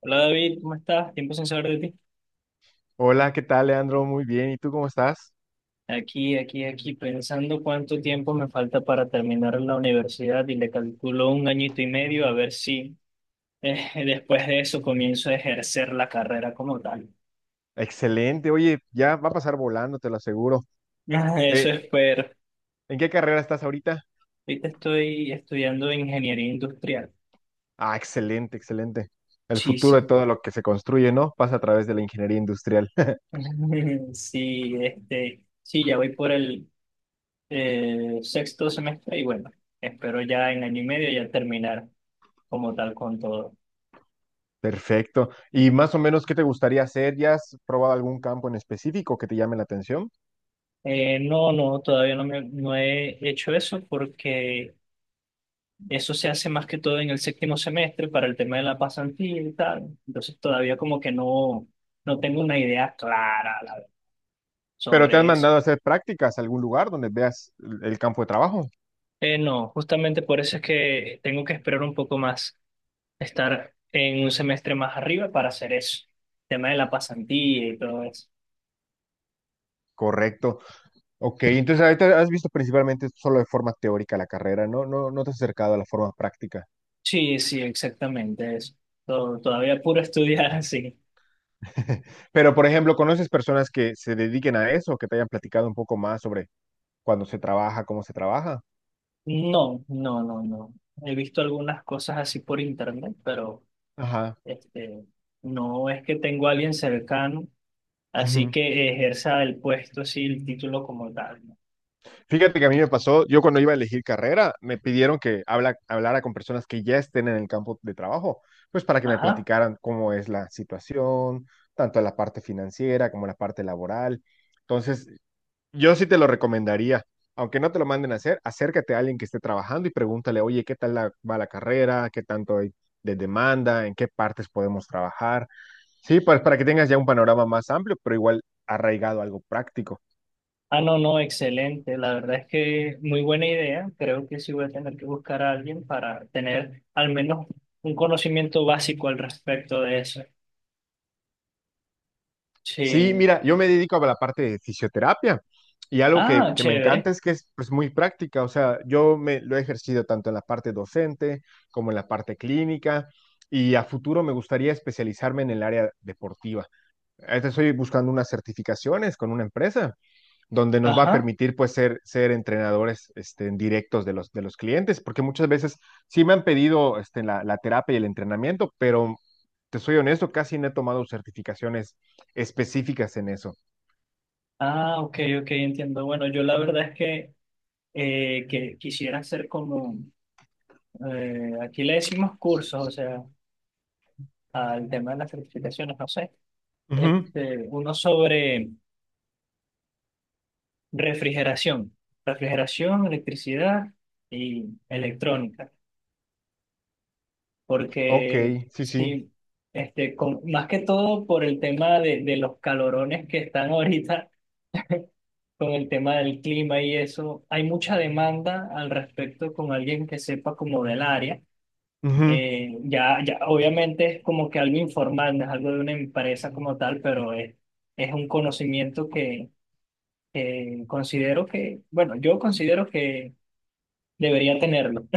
Hola David, ¿cómo estás? Tiempo sin saber de ti. Hola, ¿qué tal, Leandro? Muy bien. ¿Y tú cómo estás? Aquí, pensando cuánto tiempo me falta para terminar la universidad y le calculo un añito y medio, a ver si después de eso comienzo a ejercer la carrera como tal. Excelente. Oye, ya va a pasar volando, te lo aseguro. Ah, eso Eh, espero. ¿En qué carrera estás ahorita? Ahorita estoy estudiando ingeniería industrial. Ah, excelente, excelente. El Sí, futuro de sí. todo lo que se construye, ¿no? Pasa a través de la ingeniería industrial. Sí, este, sí, ya voy por el sexto semestre y bueno, espero ya en año y medio ya terminar como tal con todo. Perfecto. ¿Y más o menos qué te gustaría hacer? ¿Ya has probado algún campo en específico que te llame la atención? No, no, todavía no, no he hecho eso porque eso se hace más que todo en el séptimo semestre para el tema de la pasantía y tal. Entonces todavía como que no, no tengo una idea clara, la verdad, Pero te han sobre eso. mandado a hacer prácticas a algún lugar donde veas el campo de trabajo. No, justamente por eso es que tengo que esperar un poco más, estar en un semestre más arriba para hacer eso. El tema de la pasantía y todo eso. Correcto. Ok, entonces ahorita has visto principalmente solo de forma teórica la carrera, ¿no? No, no te has acercado a la forma práctica. Sí, sí, exactamente eso. Todavía puro estudiar así. Pero, por ejemplo, ¿conoces personas que se dediquen a eso, que te hayan platicado un poco más sobre cuándo se trabaja, cómo se trabaja? No, no, no, no. He visto algunas cosas así por internet, pero Ajá. este, no es que tengo a alguien cercano así Ujú. que ejerza el puesto, así el título como tal, ¿no? Fíjate que a mí me pasó, yo cuando iba a elegir carrera, me pidieron que hablara con personas que ya estén en el campo de trabajo, pues para que me Ajá. platicaran cómo es la situación, tanto la parte financiera como la parte laboral. Entonces, yo sí te lo recomendaría, aunque no te lo manden a hacer, acércate a alguien que esté trabajando y pregúntale, oye, ¿qué tal va la carrera? ¿Qué tanto hay de demanda? ¿En qué partes podemos trabajar? Sí, pues para que tengas ya un panorama más amplio, pero igual arraigado a algo práctico. Ah, no, no, excelente. La verdad es que muy buena idea. Creo que sí voy a tener que buscar a alguien para tener al menos un conocimiento básico al respecto de eso. Sí, Sí. mira, yo me dedico a la parte de fisioterapia y algo Ah, que me chévere. encanta es que es pues, muy práctica, o sea, yo me lo he ejercido tanto en la parte docente como en la parte clínica y a futuro me gustaría especializarme en el área deportiva. Ahorita estoy buscando unas certificaciones con una empresa donde nos va a Ajá. permitir pues ser, ser entrenadores este, en directos de los clientes, porque muchas veces sí me han pedido este, la terapia y el entrenamiento, pero te soy honesto, casi no he tomado certificaciones específicas en eso. Ah, ok, ok, entiendo. Bueno, yo la verdad es que quisieran hacer como, aquí le decimos cursos, o sea, al tema de las certificaciones, no sé, Ujú. este, uno sobre refrigeración, refrigeración, electricidad y electrónica, Ok, porque sí, sí. sí, este, más que todo por el tema de los calorones que están ahorita, con el tema del clima y eso, hay mucha demanda al respecto con alguien que sepa como del área. Ujú. Ya, ya, obviamente es como que algo informal, no es algo de una empresa como tal, pero es un conocimiento que considero que, bueno, yo considero que debería tenerlo.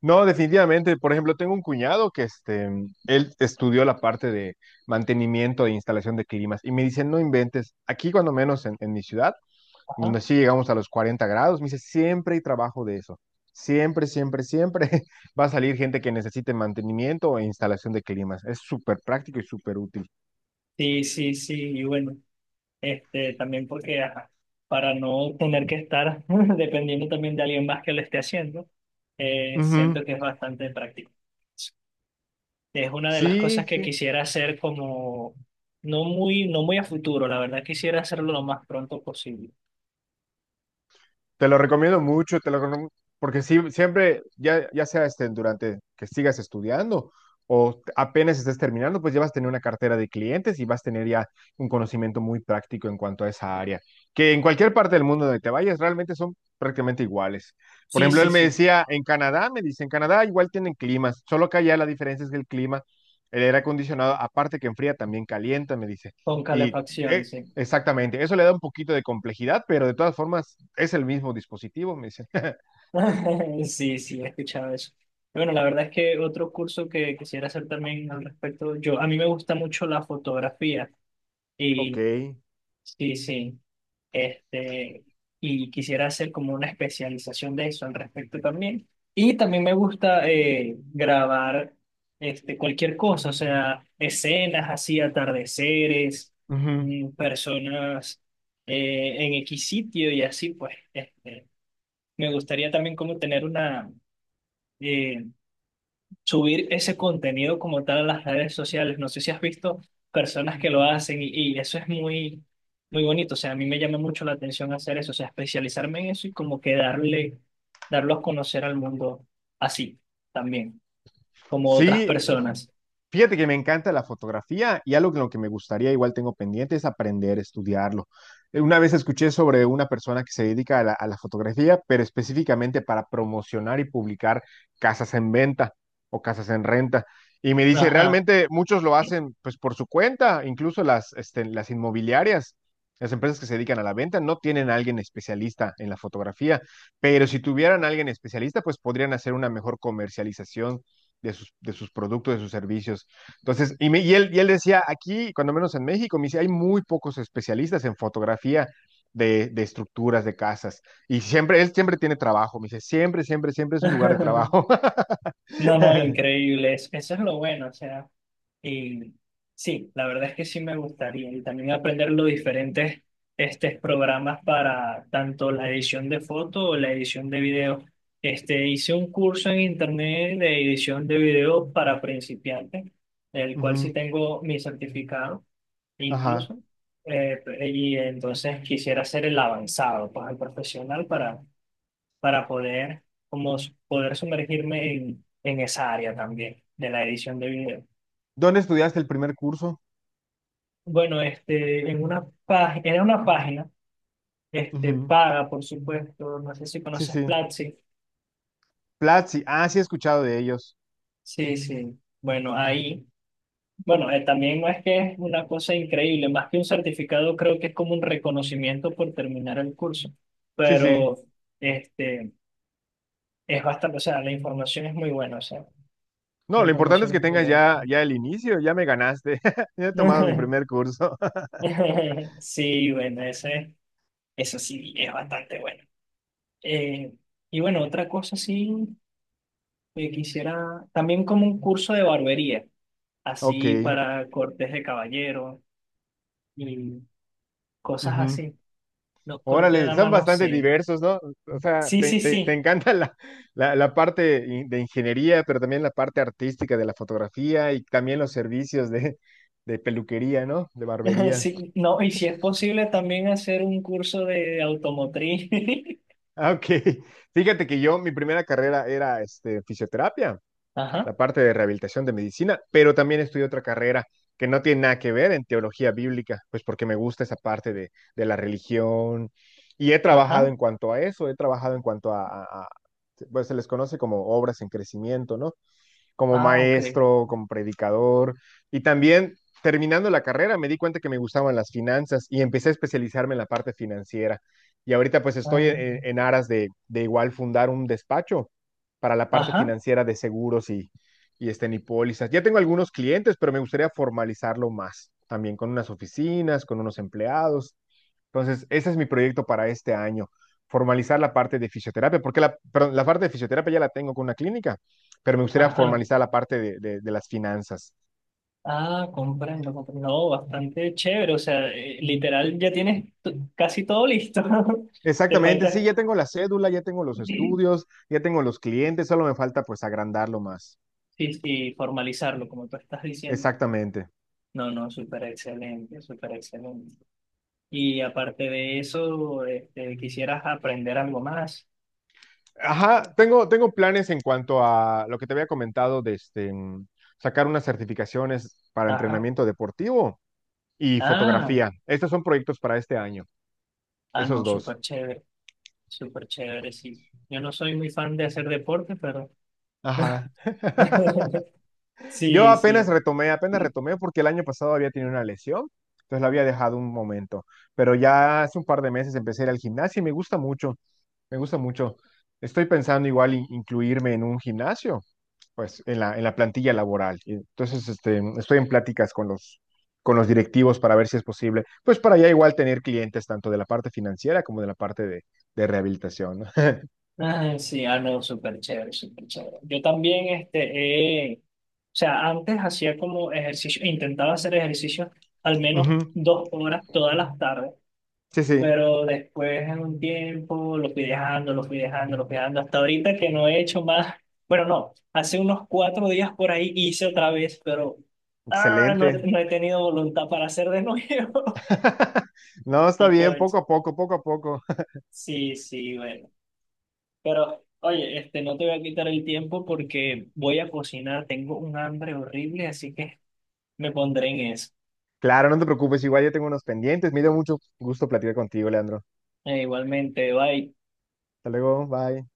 No, definitivamente. Por ejemplo, tengo un cuñado que este, él estudió la parte de mantenimiento e instalación de climas y me dice, no inventes, aquí cuando menos en mi ciudad Ajá. donde sí llegamos a los 40 grados. Me dice, siempre hay trabajo de eso. Siempre, siempre, siempre va a salir gente que necesite mantenimiento e instalación de climas. Es súper práctico y súper útil. Sí, sí, sí, y bueno, este, también porque ajá, para no tener que estar dependiendo también de alguien más que lo esté haciendo, Ujú. siento que es bastante práctico. Es una de las cosas Sí, que sí. quisiera hacer como no muy, no muy a futuro, la verdad quisiera hacerlo lo más pronto posible. Te lo recomiendo mucho, te lo porque sí, siempre, ya, ya sea este, durante que sigas estudiando o apenas estés terminando, pues ya vas a tener una cartera de clientes y vas a tener ya un conocimiento muy práctico en cuanto a esa área, que en cualquier parte del mundo donde te vayas realmente son prácticamente iguales. Por Sí, ejemplo, sí, él me sí, decía, en Canadá, me dice, en Canadá igual tienen climas, solo que allá la diferencia es que el clima, el aire acondicionado, aparte que enfría, también calienta, me dice. con Y calefacción, sí. exactamente, eso le da un poquito de complejidad, pero de todas formas es el mismo dispositivo, me dicen. Sí, sí, he escuchado eso. Y bueno, la verdad es que otro curso que quisiera hacer también al respecto, yo, a mí me gusta mucho la fotografía Ok. y sí, sí. Este, y quisiera hacer como una especialización de eso al respecto también. Y también me gusta grabar este, cualquier cosa, o sea, escenas así, atardeceres, Ujú. mm, personas en X sitio y así, pues. Este, me gustaría también como tener una, eh, subir ese contenido como tal a las redes sociales. No sé si has visto personas que lo hacen y eso es muy, muy bonito. O sea, a mí me llama mucho la atención hacer eso, o sea, especializarme en eso y como que darle, darlo a conocer al mundo así también, como otras Sí, personas. fíjate que me encanta la fotografía y algo que lo que me gustaría, igual tengo pendiente, es aprender, estudiarlo. Una vez escuché sobre una persona que se dedica a la fotografía, pero específicamente para promocionar y publicar casas en venta o casas en renta. Y me dice, Ajá. realmente muchos lo hacen pues por su cuenta, incluso las, este, las inmobiliarias, las empresas que se dedican a la venta, no tienen a alguien especialista en la fotografía, pero si tuvieran a alguien especialista, pues podrían hacer una mejor comercialización de sus productos, de sus servicios. Entonces, y, y él decía, aquí, cuando menos en México, me dice, hay muy pocos especialistas en fotografía de estructuras, de casas. Y siempre, él siempre tiene trabajo, me dice, siempre, siempre, siempre es un lugar de trabajo. No, no, increíble. Eso es lo bueno, o sea. Y sí, la verdad es que sí me gustaría, y también aprender los diferentes este, programas para tanto la edición de foto o la edición de video. Este, hice un curso en internet de edición de video para principiantes, el cual Ujú. sí tengo mi certificado Ajá. incluso. Eh, y entonces quisiera hacer el avanzado, pues el profesional para poder, como, poder sumergirme en esa área también de la edición de video. ¿Dónde estudiaste el primer curso? Bueno, este, en una página, era una página, este, Ujú. paga, por supuesto, no sé si Sí, conoces sí. Platzi. Platzi, ah, sí he escuchado de ellos. Sí, sí. Bueno, ahí, bueno, también no es que es una cosa increíble, más que un certificado, creo que es como un reconocimiento por terminar el curso, Sí, sí. pero este, es bastante, o sea, la información es muy buena, o sea, la No, lo importante es información que es muy tengas buena. ya, ya el inicio, ya me ganaste. Ya he tomado mi primer curso. Sí, bueno, ese, eso sí, es bastante bueno. Eh, y bueno, otra cosa sí. Quisiera también como un curso de barbería, Ok. así para cortes de caballero y cosas Ujú. así. Los cortes de Órale, dama, son no bastante sé. diversos, ¿no? O sea, Sí, sí, te sí. encanta la parte de ingeniería, pero también la parte artística de la fotografía y también los servicios de peluquería, ¿no? De barbería. Sí, no, y si es posible también hacer un curso de automotriz. Ah, ok. Fíjate que yo, mi primera carrera era este, fisioterapia. Ajá, La parte de rehabilitación de medicina, pero también estudié otra carrera que no tiene nada que ver en teología bíblica, pues porque me gusta esa parte de la religión y he trabajado ajá. en cuanto a eso, he trabajado en cuanto a, pues se les conoce como obras en crecimiento, ¿no? Como Ah, ok. maestro, como predicador. Y también terminando la carrera me di cuenta que me gustaban las finanzas y empecé a especializarme en la parte financiera. Y ahorita pues estoy Ah, en aras de igual fundar un despacho para la parte ajá, financiera de seguros y este y pólizas. Ya tengo algunos clientes, pero me gustaría formalizarlo más, también con unas oficinas, con unos empleados. Entonces, ese es mi proyecto para este año, formalizar la parte de fisioterapia, porque la, perdón, la parte de fisioterapia ya la tengo con una clínica, pero me gustaría ajá. formalizar la parte de, de las finanzas. Ah, comprendo, comprendo. No, bastante chévere. O sea, literal, ya tienes casi todo listo. Te Exactamente, sí, falta. ya tengo la cédula, ya tengo los estudios, ya tengo los clientes, solo me falta pues agrandarlo más. Sí, y formalizarlo, como tú estás diciendo. Exactamente. No, no, súper excelente, súper excelente. Y aparte de eso, este, quisieras aprender algo más. Ajá, tengo, tengo planes en cuanto a lo que te había comentado de este, sacar unas certificaciones para Ajá. entrenamiento deportivo y Ah, fotografía. Estos son proyectos para este año, ah, no, esos dos. Súper chévere, sí. Yo no soy muy fan de hacer deporte, pero... Ajá. Yo Sí, sí. Apenas retomé porque el año pasado había tenido una lesión, entonces la había dejado un momento, pero ya hace un par de meses empecé a ir al gimnasio y me gusta mucho, me gusta mucho. Estoy pensando igual incluirme en un gimnasio, pues en la plantilla laboral. Y entonces, este, estoy en pláticas con los directivos para ver si es posible, pues para ya igual tener clientes tanto de la parte financiera como de la parte de rehabilitación, ¿no? Ah, sí, ah, no, súper chévere, súper chévere. Yo también, este, o sea, antes hacía como ejercicio, intentaba hacer ejercicio al menos Ujú. 2 horas todas las tardes. Sí, sí, Pero después en un tiempo lo fui dejando, lo fui dejando, lo fui dejando, hasta ahorita que no he hecho más. Bueno, no, hace unos 4 días por ahí hice otra vez, pero no he, excelente. no he tenido voluntad para hacer de nuevo. No, está Y bien, poco cosa. a poco, poco a poco. Sí, sí, bueno. Pero, oye, este, no te voy a quitar el tiempo porque voy a cocinar, tengo un hambre horrible, así que me pondré en eso. Claro, no te preocupes, igual yo tengo unos pendientes. Me dio mucho gusto platicar contigo, Leandro. Igualmente, bye. Hasta luego, bye.